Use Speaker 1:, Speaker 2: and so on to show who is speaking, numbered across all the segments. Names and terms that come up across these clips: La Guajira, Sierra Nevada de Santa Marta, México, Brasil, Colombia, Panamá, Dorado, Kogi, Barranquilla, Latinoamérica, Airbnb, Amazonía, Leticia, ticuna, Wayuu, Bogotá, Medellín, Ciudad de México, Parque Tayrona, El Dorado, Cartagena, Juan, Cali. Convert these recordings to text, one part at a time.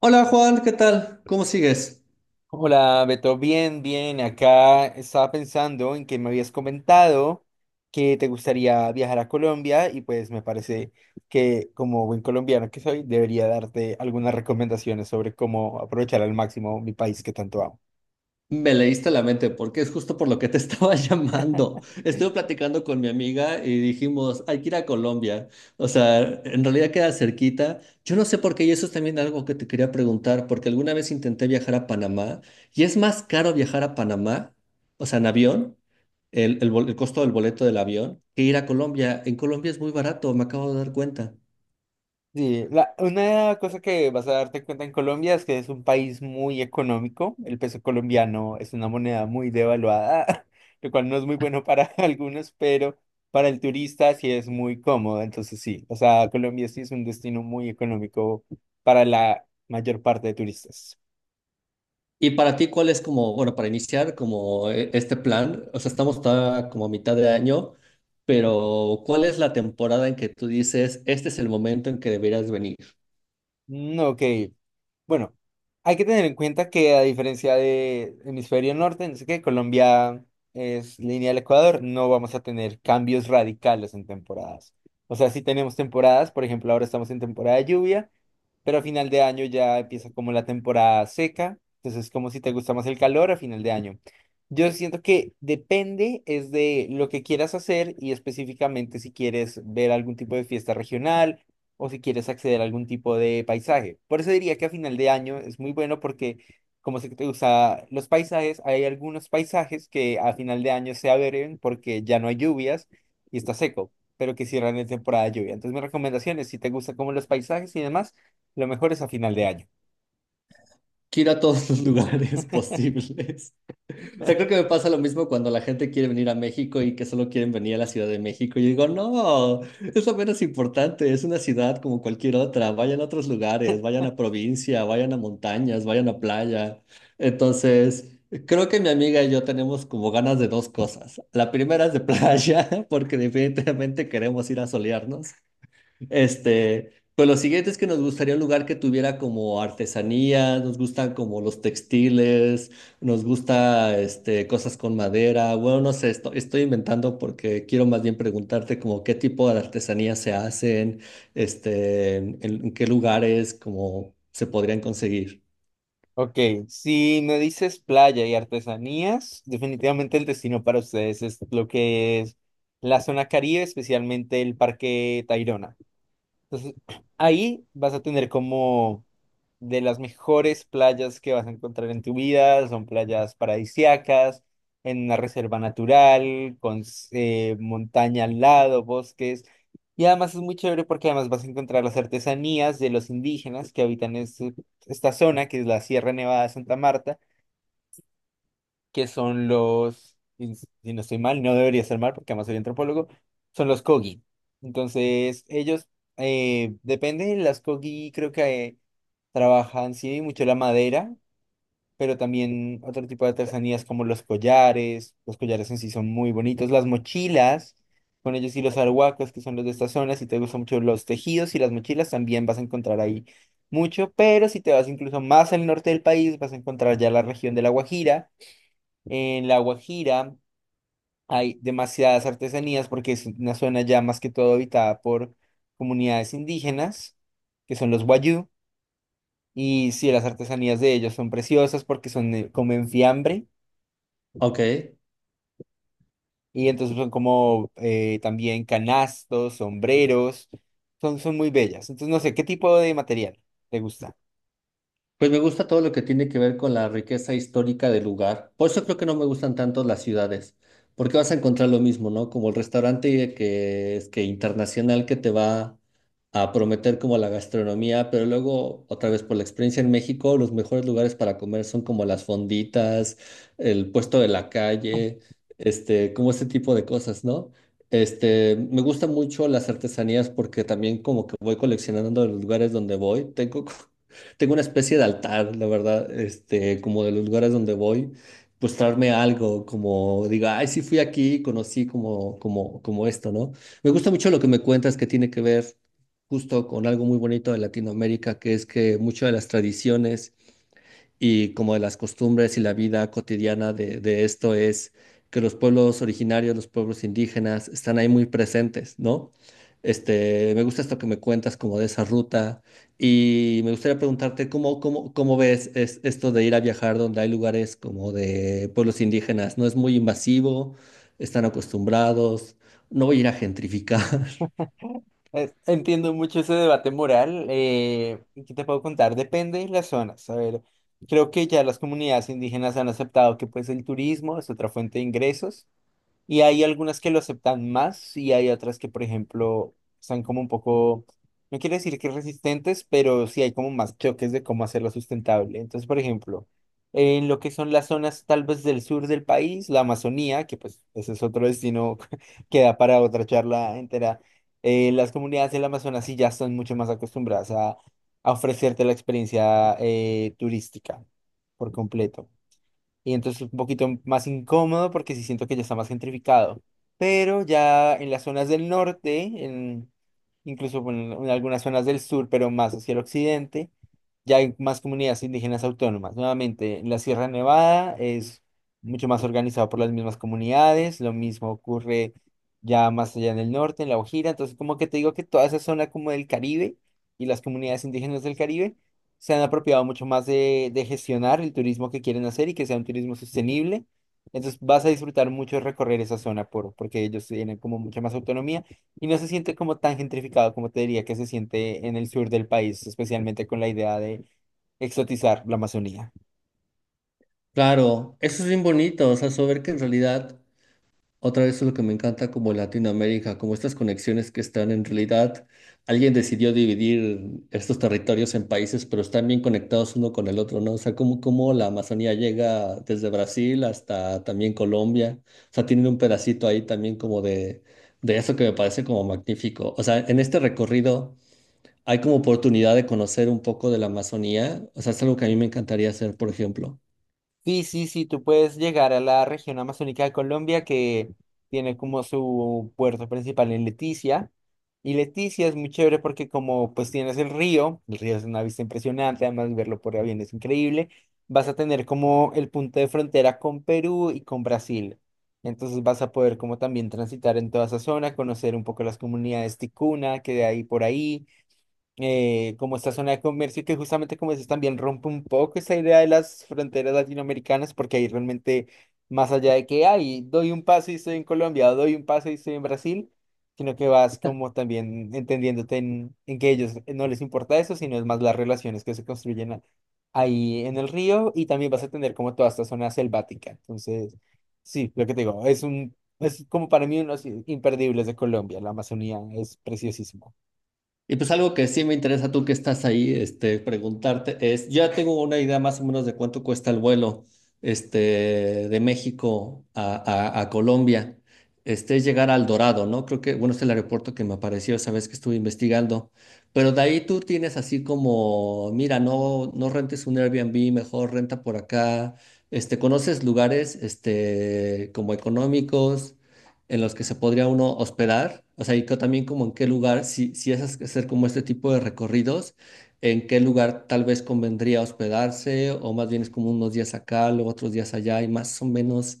Speaker 1: Hola Juan, ¿qué tal? ¿Cómo sigues?
Speaker 2: Hola, Beto, bien, bien. Acá estaba pensando en que me habías comentado que te gustaría viajar a Colombia y pues me parece que como buen colombiano que soy, debería darte algunas recomendaciones sobre cómo aprovechar al máximo mi país que tanto amo.
Speaker 1: Me leíste la mente porque es justo por lo que te estaba llamando. Estuve platicando con mi amiga y dijimos, hay que ir a Colombia. O sea, en realidad queda cerquita. Yo no sé por qué, y eso es también algo que te quería preguntar, porque alguna vez intenté viajar a Panamá y es más caro viajar a Panamá, o sea, en avión, el costo del boleto del avión, que ir a Colombia. En Colombia es muy barato, me acabo de dar cuenta.
Speaker 2: Sí, una cosa que vas a darte cuenta en Colombia es que es un país muy económico. El peso colombiano es una moneda muy devaluada, lo cual no es muy bueno para algunos, pero para el turista sí es muy cómodo. Entonces sí, o sea, Colombia sí es un destino muy económico para la mayor parte de turistas.
Speaker 1: Y para ti, ¿cuál es como, bueno, para iniciar como este plan? O sea, estamos todavía como a mitad de año, pero ¿cuál es la temporada en que tú dices, este es el momento en que deberías venir?
Speaker 2: Mm, ok. Bueno, hay que tener en cuenta que a diferencia de hemisferio norte, no sé qué, Colombia es línea del Ecuador, no vamos a tener cambios radicales en temporadas. O sea, si tenemos temporadas, por ejemplo, ahora estamos en temporada de lluvia. Pero a final de año ya empieza como la temporada seca, entonces es como si te gusta más el calor a final de año. Yo siento que depende es de lo que quieras hacer y específicamente si quieres ver algún tipo de fiesta regional o si quieres acceder a algún tipo de paisaje. Por eso diría que a final de año es muy bueno porque como sé que te gusta los paisajes, hay algunos paisajes que a final de año se abren porque ya no hay lluvias y está seco, pero que cierran en temporada de lluvia. Entonces mi recomendación es si te gusta como los paisajes y demás lo mejor es a final de año.
Speaker 1: Quiero a todos los lugares posibles. O sea, creo que me pasa lo mismo cuando la gente quiere venir a México y que solo quieren venir a la Ciudad de México. Yo digo, no, es lo menos importante, es una ciudad como cualquier otra. Vayan a otros lugares, vayan a provincia, vayan a montañas, vayan a playa. Entonces, creo que mi amiga y yo tenemos como ganas de dos cosas. La primera es de playa, porque definitivamente queremos ir a solearnos. Este, pues lo siguiente es que nos gustaría un lugar que tuviera como artesanía, nos gustan como los textiles, nos gusta este, cosas con madera. Bueno, no sé, estoy inventando porque quiero más bien preguntarte como qué tipo de artesanía se hacen, este, en qué lugares como se podrían conseguir.
Speaker 2: Ok, si me dices playa y artesanías, definitivamente el destino para ustedes es lo que es la zona Caribe, especialmente el Parque Tayrona. Entonces, ahí vas a tener como de las mejores playas que vas a encontrar en tu vida, son playas paradisíacas, en una reserva natural, con montaña al lado, bosques, y además es muy chévere porque además vas a encontrar las artesanías de los indígenas que habitan esta zona, que es la Sierra Nevada de Santa Marta, que son los, si no estoy mal, no debería ser mal porque además soy antropólogo, son los Kogi. Entonces, ellos, depende, las Kogi creo que trabajan, sí, mucho la madera, pero también otro tipo de artesanías como los collares en sí son muy bonitos, las mochilas, con ellos y los arhuacos, que son los de estas zonas, si te gustan mucho los tejidos y las mochilas, también vas a encontrar ahí mucho, pero si te vas incluso más al norte del país, vas a encontrar ya la región de La Guajira, en La Guajira hay demasiadas artesanías porque es una zona ya más que todo habitada por comunidades indígenas, que son los Wayuu. Y sí, las artesanías de ellos son preciosas porque son, comen fiambre.
Speaker 1: Ok.
Speaker 2: Y entonces son como también canastos, sombreros, son muy bellas. Entonces no sé, ¿qué tipo de material te gusta?
Speaker 1: Pues me gusta todo lo que tiene que ver con la riqueza histórica del lugar. Por eso creo que no me gustan tanto las ciudades, porque vas a encontrar lo mismo, ¿no? Como el restaurante que es que internacional que te va a prometer como la gastronomía, pero luego otra vez por la experiencia en México, los mejores lugares para comer son como las fonditas, el puesto de la calle, este, como ese tipo de cosas, ¿no? Este, me gustan mucho las artesanías porque también como que voy coleccionando los lugares donde voy. Tengo tengo una especie de altar, la verdad, este, como de los lugares donde voy, pues traerme algo, como diga, ay, sí fui aquí, conocí como esto, ¿no? Me gusta mucho lo que me cuentas que tiene que ver justo con algo muy bonito de Latinoamérica, que es que muchas de las tradiciones y como de las costumbres y la vida cotidiana de esto es que los pueblos originarios, los pueblos indígenas, están ahí muy presentes, ¿no? Este, me gusta esto que me cuentas como de esa ruta y me gustaría preguntarte cómo ves esto de ir a viajar donde hay lugares como de pueblos indígenas. ¿No es muy invasivo? ¿Están acostumbrados? ¿No voy a ir a gentrificar?
Speaker 2: Entiendo mucho ese debate moral. ¿Qué te puedo contar? Depende de las zonas. A ver, creo que ya las comunidades indígenas han aceptado que pues el turismo es otra fuente de ingresos. Y hay algunas que lo aceptan más y hay otras que, por ejemplo, están como un poco, no quiero decir que resistentes, pero sí hay como más choques de cómo hacerlo sustentable. Entonces, por ejemplo, en lo que son las zonas tal vez del sur del país, la Amazonía, que pues ese es otro destino que da para otra charla entera, las comunidades del Amazonas sí ya están mucho más acostumbradas a ofrecerte la experiencia turística por completo y entonces un poquito más incómodo porque sí siento que ya está más gentrificado. Pero ya en las zonas del norte, incluso bueno, en algunas zonas del sur, pero más hacia el occidente, ya hay más comunidades indígenas autónomas. Nuevamente, en la Sierra Nevada es mucho más organizado por las mismas comunidades, lo mismo ocurre ya más allá en el norte, en La Guajira, entonces como que te digo que toda esa zona como del Caribe y las comunidades indígenas del Caribe se han apropiado mucho más de gestionar el turismo que quieren hacer y que sea un turismo sostenible. Entonces vas a disfrutar mucho recorrer esa zona porque ellos tienen como mucha más autonomía y no se siente como tan gentrificado como te diría que se siente en el sur del país, especialmente con la idea de exotizar la Amazonía.
Speaker 1: Claro, eso es bien bonito, o sea, saber que en realidad otra vez es lo que me encanta como Latinoamérica, como estas conexiones que están en realidad, alguien decidió dividir estos territorios en países, pero están bien conectados uno con el otro, ¿no? O sea, como la Amazonía llega desde Brasil hasta también Colombia, o sea, tienen un pedacito ahí también como de eso que me parece como magnífico. O sea, en este recorrido hay como oportunidad de conocer un poco de la Amazonía, o sea, es algo que a mí me encantaría hacer, por ejemplo.
Speaker 2: Sí, sí, sí, tú puedes llegar a la región amazónica de Colombia que tiene como su puerto principal en Leticia. Y Leticia es muy chévere porque como pues tienes el río es una vista impresionante, además verlo por avión es increíble, vas a tener como el punto de frontera con Perú y con Brasil. Entonces vas a poder como también transitar en toda esa zona, conocer un poco las comunidades ticuna que hay por ahí como esta zona de comercio que justamente como dices también rompe un poco esa idea de las fronteras latinoamericanas porque ahí realmente más allá de que ay, doy un paso y estoy en Colombia o doy un paso y estoy en Brasil, sino que vas como también entendiéndote en que ellos no les importa eso, sino es más las relaciones que se construyen ahí en el río y también vas a tener como toda esta zona selvática. Entonces, sí, lo que te digo, es un... Es como para mí unos imperdibles de Colombia, la Amazonía es preciosísimo.
Speaker 1: Y pues algo que sí me interesa tú que estás ahí, este, preguntarte es, yo ya tengo una idea más o menos de cuánto cuesta el vuelo, este, de México a Colombia. Este es llegar al Dorado, ¿no? Creo que, bueno, es el aeropuerto que me apareció esa vez que estuve investigando. Pero de ahí tú tienes así como, mira, no, no rentes un Airbnb, mejor renta por acá. Este, ¿conoces lugares, este, como económicos en los que se podría uno hospedar? O sea, y también como en qué lugar, si, si es hacer como este tipo de recorridos, en qué lugar tal vez convendría hospedarse, o más bien es como unos días acá, luego otros días allá, y más o menos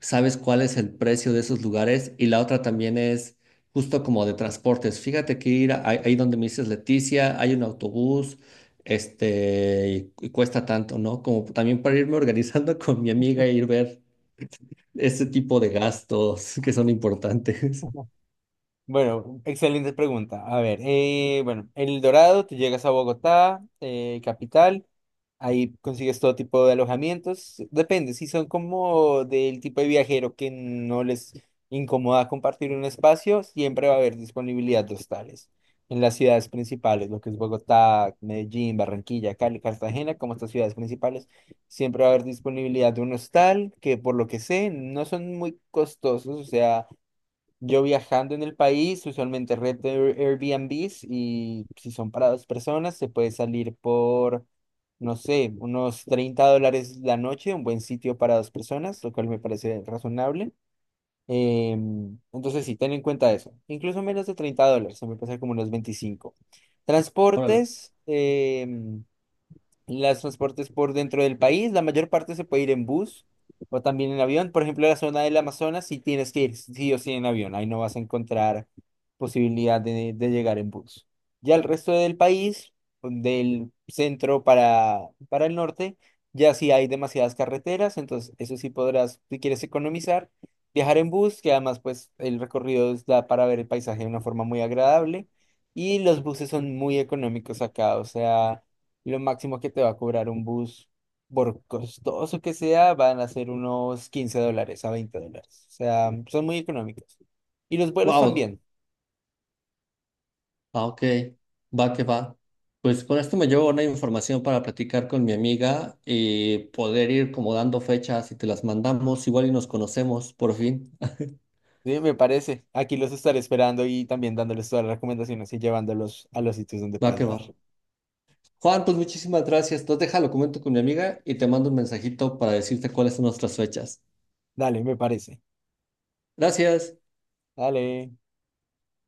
Speaker 1: sabes cuál es el precio de esos lugares. Y la otra también es justo como de transportes. Fíjate que ir ahí donde me dices Leticia, hay un autobús. Este, y cuesta tanto, ¿no? Como también para irme organizando con mi amiga e ir ver este tipo de gastos que son importantes.
Speaker 2: Bueno, excelente pregunta. A ver, bueno, en El Dorado te llegas a Bogotá, capital, ahí consigues todo tipo de alojamientos. Depende, si son como del tipo de viajero que no les incomoda compartir un espacio, siempre va a haber disponibilidad de hostales. En las ciudades principales, lo que es Bogotá, Medellín, Barranquilla, Cali, Cartagena, como estas ciudades principales, siempre va a haber disponibilidad de un hostal que por lo que sé no son muy costosos, o sea... Yo viajando en el país, usualmente rento Airbnbs y si son para dos personas, se puede salir por, no sé, unos $30 la noche, un buen sitio para dos personas, lo cual me parece razonable. Entonces sí, ten en cuenta eso. Incluso menos de $30, se me pasa como unos 25.
Speaker 1: Órale.
Speaker 2: Transportes, los transportes por dentro del país, la mayor parte se puede ir en bus o también en avión. Por ejemplo, la zona del Amazonas, sí tienes que ir sí o sí en avión. Ahí no vas a encontrar posibilidad de llegar en bus. Ya el resto del país, del centro para el norte, ya sí hay demasiadas carreteras. Entonces, eso sí podrás, si quieres economizar, viajar en bus, que además, pues, el recorrido da para ver el paisaje de una forma muy agradable. Y los buses son muy económicos acá, o sea. Lo máximo que te va a cobrar un bus, por costoso que sea, van a ser unos $15 a $20. O sea, son muy económicos. Y los vuelos
Speaker 1: Wow.
Speaker 2: también,
Speaker 1: Ah, ok. Va que va. Pues con esto me llevo una información para platicar con mi amiga y poder ir como dando fechas y te las mandamos igual y nos conocemos por fin.
Speaker 2: sí, me parece. Aquí los estaré esperando y también dándoles todas las recomendaciones y llevándolos a los sitios donde
Speaker 1: Va
Speaker 2: pueda
Speaker 1: que va.
Speaker 2: llevar.
Speaker 1: Juan, pues muchísimas gracias. Entonces déjalo, comento con mi amiga y te mando un mensajito para decirte cuáles son nuestras fechas.
Speaker 2: Dale, me parece.
Speaker 1: Gracias.
Speaker 2: Dale.